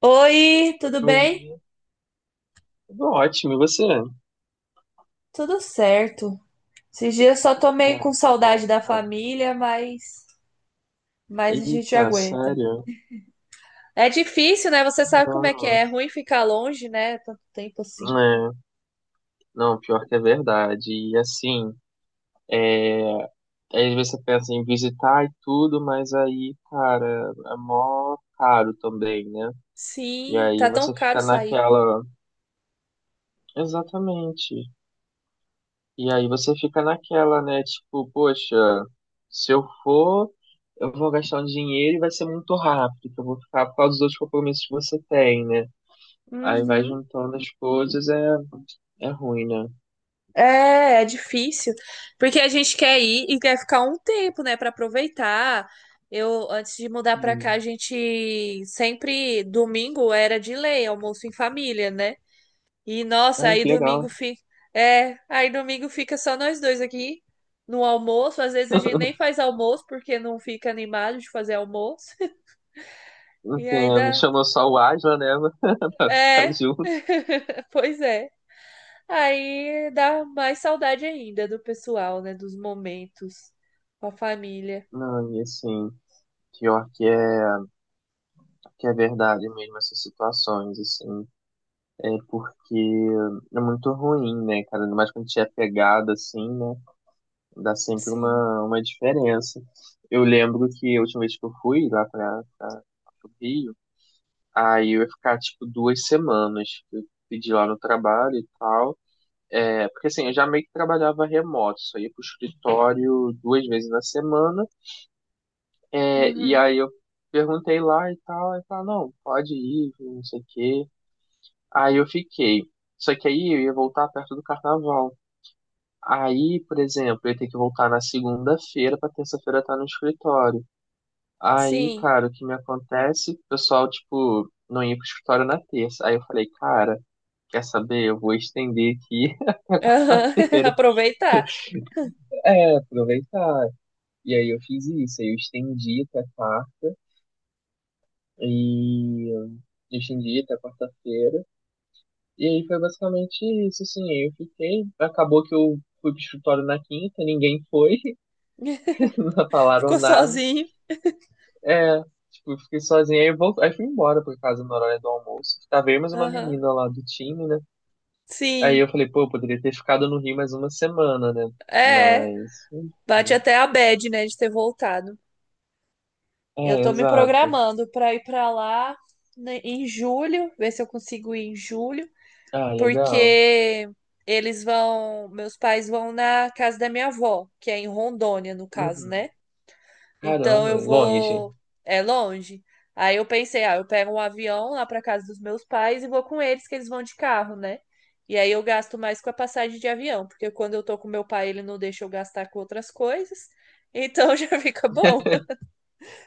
Oi, tudo bem? Oi, tudo ótimo, e você? Tudo certo. Esses dias eu só tô meio Ah, com que bom, saudade da cara. família, mas a gente Eita, aguenta. sério? É difícil, né? Você sabe como é que é. Não, É ruim ficar longe, né? Tanto tempo assim. é, não, pior que é verdade. E assim, é, às vezes você pensa em visitar e tudo, mas aí, cara, é mó caro também, né? E Sim, aí tá tão você caro fica sair. naquela. Exatamente. E aí você fica naquela, né? Tipo, poxa, se eu for, eu vou gastar um dinheiro e vai ser muito rápido, que eu vou ficar por causa dos outros compromissos que você tem, né? Aí vai Uhum. juntando as coisas, é ruim, né? É, é difícil. Porque a gente quer ir e quer ficar um tempo, né, pra aproveitar. Eu, antes de mudar pra cá, a Sim. gente sempre, domingo era de lei, almoço em família, né? E nossa, Ai, aí que domingo legal. fica. É, aí domingo fica só nós dois aqui no almoço. Às vezes a gente nem faz almoço porque não fica animado de fazer almoço. E aí Entendo. dá. Chamou só o Asla, né? Pra ficar É, junto. pois é. Aí dá mais saudade ainda do pessoal, né? Dos momentos com a família. Não, e assim, pior que é, que é verdade mesmo essas situações, assim. É porque é muito ruim, né, cara? Ainda mais quando a gente é pegado, assim, né? Dá sempre Sim. uma diferença. Eu lembro que a última vez que eu fui lá pro Rio, aí eu ia ficar, tipo, duas semanas. Eu pedi lá no trabalho e tal. É, porque assim, eu já meio que trabalhava remoto, só ia pro escritório duas vezes na semana, e Uhum. aí eu perguntei lá e tal, e falaram, não, pode ir, não sei o quê. Aí eu fiquei. Só que aí eu ia voltar perto do carnaval. Aí, por exemplo, eu ia ter que voltar na segunda-feira pra terça-feira estar no escritório. Aí, Sim. cara, o que me acontece? O pessoal, tipo, não ia pro escritório na terça. Aí eu falei, cara, quer saber? Eu vou estender aqui Aham. terça-feira. Aproveitar. É, aproveitar. E aí eu fiz isso, aí eu estendi até quarta, e eu estendi até quarta-feira. E aí foi basicamente isso, assim, aí eu fiquei. Acabou que eu fui pro escritório na quinta, ninguém foi, não falaram Ficou nada. sozinho. É, tipo, eu fiquei sozinho, aí fui embora pra casa na hora do almoço. Tava eu mais uma Aham. menina lá do time, né? Aí Sim. eu falei, pô, eu poderia ter ficado no Rio mais uma semana, né? É. Mas, Bate enfim. até a bad, né? De ter voltado. Eu É, tô me exato. programando para ir para lá, né, em julho, ver se eu consigo ir em julho, Ah, legal. porque eles vão, meus pais vão na casa da minha avó, que é em Rondônia, no caso, Uhum. né? Então Caramba, eu longe. vou, é longe. Aí eu pensei, ah, eu pego um avião lá para casa dos meus pais e vou com eles, que eles vão de carro, né? E aí eu gasto mais com a passagem de avião, porque quando eu tô com meu pai, ele não deixa eu gastar com outras coisas. Então já fica bom,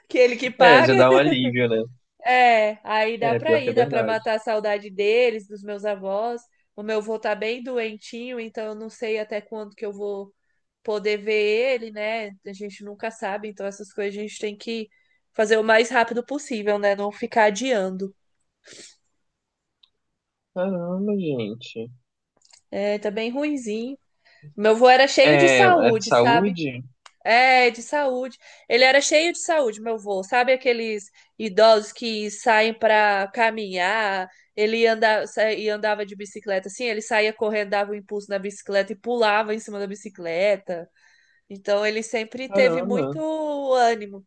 que ele que É, paga. já dá um alívio, né? É, aí dá É, pra pior que ir, é dá pra verdade. matar a saudade deles, dos meus avós. O meu avô tá bem doentinho, então eu não sei até quando que eu vou poder ver ele, né? A gente nunca sabe, então essas coisas a gente tem que fazer o mais rápido possível, né? Não ficar adiando. Caramba, gente. É, tá bem ruinzinho. Meu avô era cheio de É, é de saúde, sabe? saúde? É, de saúde. Ele era cheio de saúde, meu avô. Sabe aqueles idosos que saem para caminhar? Ele anda, e andava de bicicleta assim, ele saía correndo, dava um impulso na bicicleta e pulava em cima da bicicleta. Então ele sempre teve Caramba. muito ânimo.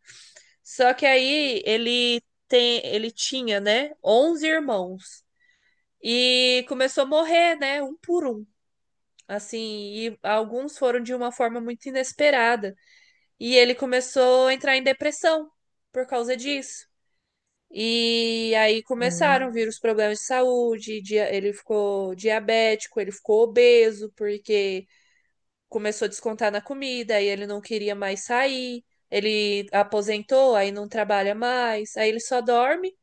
Só que aí ele tem, ele tinha, né, onze irmãos e começou a morrer, né, um por um. Assim, e alguns foram de uma forma muito inesperada. E ele começou a entrar em depressão por causa disso. E aí começaram a Hum, vir os problemas de saúde, ele ficou diabético, ele ficou obeso, porque começou a descontar na comida, aí ele não queria mais sair, ele aposentou, aí não trabalha mais, aí ele só dorme,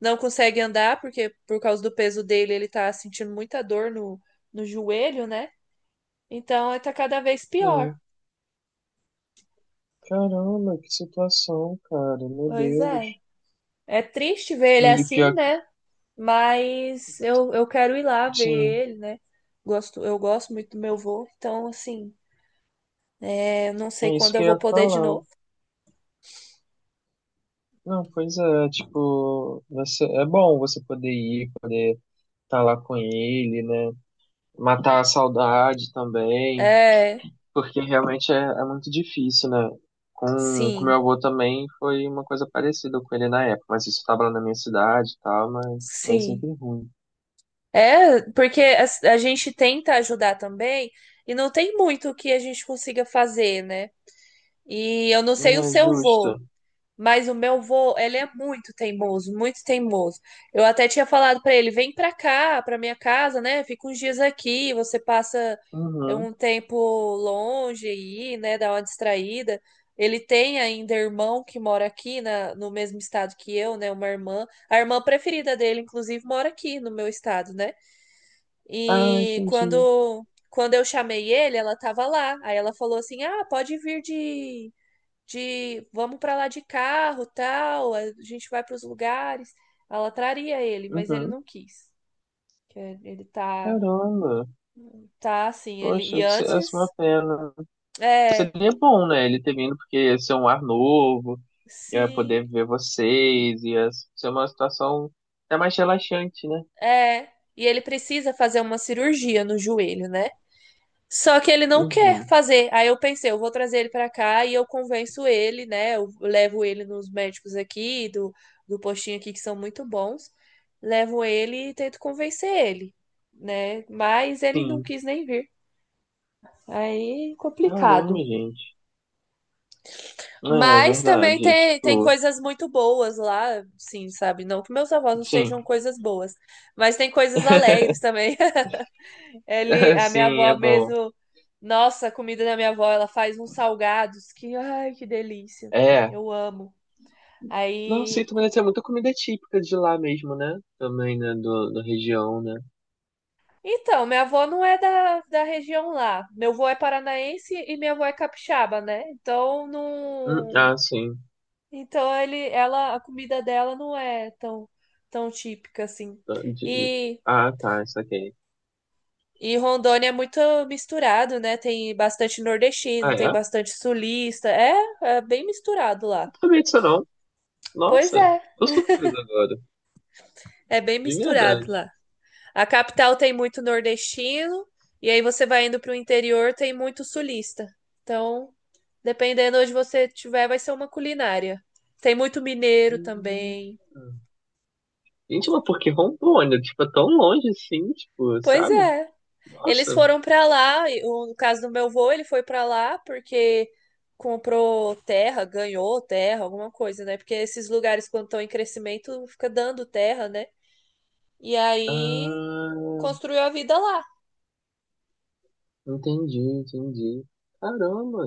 não consegue andar, porque por causa do peso dele ele tá sentindo muita dor no joelho, né? Então tá cada vez pior. sim. Caramba, que situação, cara. Meu Pois Deus. é. É triste ver ele E, e assim, pior que, né? Mas eu quero ir lá ver sim, ele, né? Gosto, eu gosto muito do meu vô, então assim, é, não sei é isso quando que eu eu vou ia poder de falar. novo. Não, pois é, tipo, você, é bom você poder ir, poder estar lá com ele, né? Matar a saudade também. É, Porque realmente é muito difícil, né? Com meu sim, avô também foi uma coisa parecida com ele na época, mas isso estava lá na minha cidade e tal, mas é sim. sempre ruim. É, porque a gente tenta ajudar também e não tem muito que a gente consiga fazer, né? E eu não É sei o seu vô, justo. mas o meu vô, ele é muito teimoso, muito teimoso. Eu até tinha falado pra ele, vem pra cá, pra minha casa, né? Fica uns dias aqui, você passa Uhum. um tempo longe aí, né? Dá uma distraída. Ele tem ainda irmão que mora aqui na, no mesmo estado que eu, né? Uma irmã. A irmã preferida dele, inclusive, mora aqui no meu estado, né? Ah, E entendi. quando eu chamei ele, ela tava lá. Aí ela falou assim: Ah, pode vir de vamos para lá de carro, tal, a gente vai para os lugares. Ela traria ele, mas ele Uhum. não quis. Que Ele tá Caramba. tá assim, ele Poxa, e que essa é uma antes pena. é, Seria bom, né? Ele ter vindo, porque ia ser um ar novo, ia sim, poder ver vocês, ia ser uma situação até mais relaxante, né? é, e ele precisa fazer uma cirurgia no joelho, né? Só que ele não quer Uhum. fazer. Aí eu pensei, eu vou trazer ele pra cá e eu convenço ele, né? Eu levo ele nos médicos aqui, do postinho aqui, que são muito bons. Levo ele e tento convencer ele, né? Mas ele não Sim. quis nem vir. Aí, Caramba, complicado. gente. É, é Mas também verdade. É tem tipo, coisas muito boas lá, sim, sabe? Não que meus avós não sim. sejam coisas boas, mas tem coisas alegres também. Ele, a minha Sim, avó é bom. mesmo, nossa, a comida da minha avó, ela faz uns salgados que, ai, que delícia. É. Eu amo. Nossa, e Aí, também deve ter muita comida típica de lá mesmo, né? Também, né? Da região, né? então, minha avó não é da região lá. Meu avô é paranaense e minha avó é capixaba, né? Então, não, Ah, sim. então ele, ela, a comida dela não é tão tão típica assim. Tá, de- E Ah, tá, isso aqui. E Rondônia é muito misturado, né? Tem bastante Ah, nordestino, é? tem Não bastante sulista. É, é bem misturado lá. sabia disso, não. Pois Nossa, é, tô surpreso agora. é bem De verdade. misturado lá. A capital tem muito nordestino, e aí você vai indo para o interior, tem muito sulista. Então, dependendo onde você tiver, vai ser uma culinária. Tem muito mineiro Hum. também. Gente, mas por que Rondônia? Tipo, é tão longe assim, tipo, Pois sabe? é. Eles Nossa. foram para lá, e no caso do meu avô, ele foi para lá porque comprou terra, ganhou terra, alguma coisa, né? Porque esses lugares, quando estão em crescimento, fica dando terra, né? E aí Ah, construiu a vida lá. Entendi. Caramba.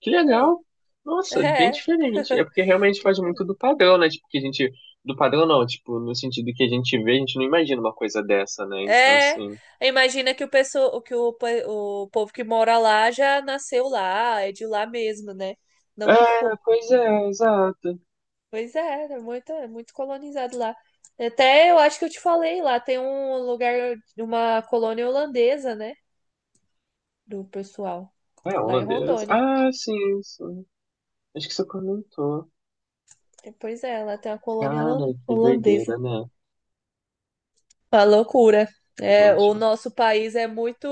Que Foi. legal. Nossa, bem diferente. É porque realmente faz É. muito do padrão, né? Tipo, que a gente. Do padrão não, tipo, no sentido que a gente vê, a gente não imagina uma coisa dessa, né? Então, É, assim. imagina que o pessoal, que o, o povo que mora lá já nasceu lá, é de lá mesmo, né? Não que É, for. pois é, exato. Pois é, é muito colonizado lá. Até eu acho que eu te falei lá, tem um lugar, uma colônia holandesa, né? Do pessoal, É um lá em holandês? Rondônia. Ah, sim. Acho que você comentou. É, pois é, lá tem uma colônia Cara, que holandesa. doideira, né? Uma loucura. É, o Gente. nosso país é muito...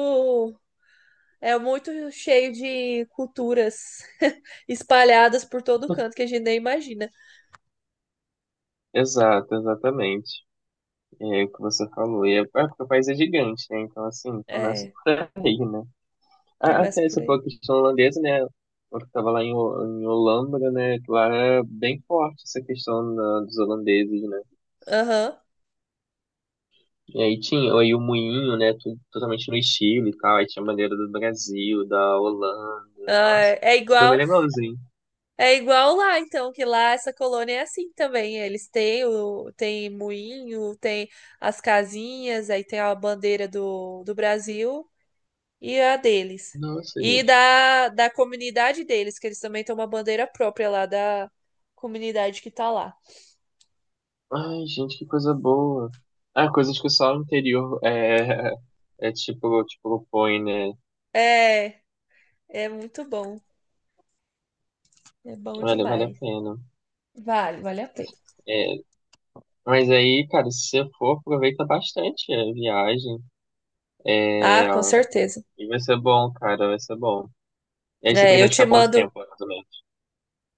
é muito cheio de culturas espalhadas por todo canto que a gente nem imagina. Exato, exatamente. É o que você falou. É porque o país é gigante, né? Então, assim, começa É, por aí, né? Ah, começa até por essa foi aí. a questão holandesa, né? Eu estava lá em, Ho- em Holambra, né? Que lá é bem forte essa questão da- dos holandeses, né? Aham. E aí tinha aí o moinho, né? Tudo, totalmente no estilo e tal. Aí tinha a bandeira do Brasil, da Holanda. Nossa, Ah, É foi igual, bem legalzinho. é igual lá, então, que lá essa colônia é assim também. Eles têm o, tem moinho, tem as casinhas, aí tem a bandeira do Brasil e a deles. Nossa, E gente. da comunidade deles, que eles também têm uma bandeira própria lá da comunidade que tá lá. Ai, gente, que coisa boa. Ah, coisas que só o interior é, é tipo, tipo põe né? É, é muito bom. É bom Olha, vale a demais. pena. Vale, vale a pena. É, mas aí, cara, se você for, aproveita bastante a viagem É, Ah, com certeza. E vai ser bom, cara, vai ser bom. E aí você É, eu pretende te ficar quanto mando. tempo, mais ou menos?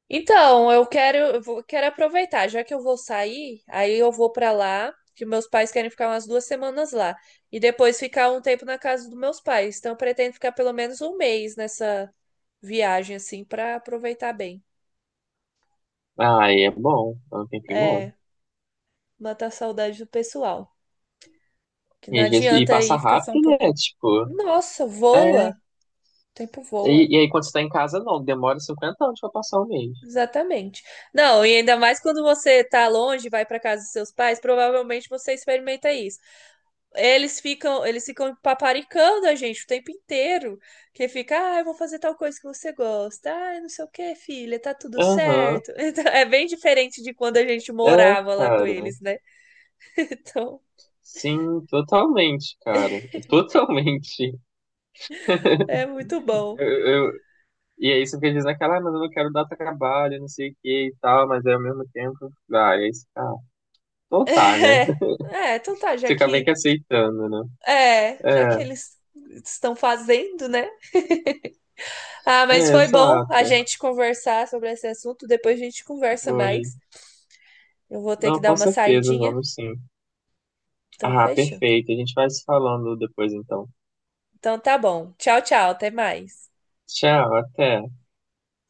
Então, eu quero, quero aproveitar, já que eu vou sair, aí eu vou pra lá, que meus pais querem ficar umas 2 semanas lá, e depois ficar um tempo na casa dos meus pais. Então, eu pretendo ficar pelo menos um mês nessa viagem, assim, pra aproveitar bem. Ah, aí é bom, é um tempinho bom. É, matar a saudade do pessoal, que não E às vezes, e adianta passa aí ficar só um rápido, né? pouquinho. Tipo, Nossa, voa! é. O tempo voa. E aí quando você tá em casa, não, demora 50 anos pra passar um mês. Exatamente. Não, e ainda mais quando você tá longe, vai para casa dos seus pais, provavelmente você experimenta isso. Eles ficam paparicando a gente o tempo inteiro, que fica, ah, eu vou fazer tal coisa que você gosta. Ah, não sei o que filha, tá tudo Aham, certo. Então, é bem diferente de quando a gente é, morava lá com cara. eles, né? Então, Sim, totalmente, cara. Totalmente. é muito bom. Eu, eu- e aí você fica dizendo aquela, ah, mas eu não quero dar trabalho, não sei o que e tal, mas aí ao mesmo tempo, ah, e aí você fica, ah, então tá, né? É, é, então tá, já Você acaba meio que, que aceitando, né? Já É, que eles estão fazendo, né? Ah, mas é, foi bom a exato. gente conversar sobre esse assunto. Depois a gente conversa Foi. mais. Eu vou ter que Não, dar com uma certeza, saidinha. vamos sim. Então, Ah, fechou. perfeito. A gente vai se falando depois então. Então, tá bom. Tchau, tchau. Até mais. Tchau, até.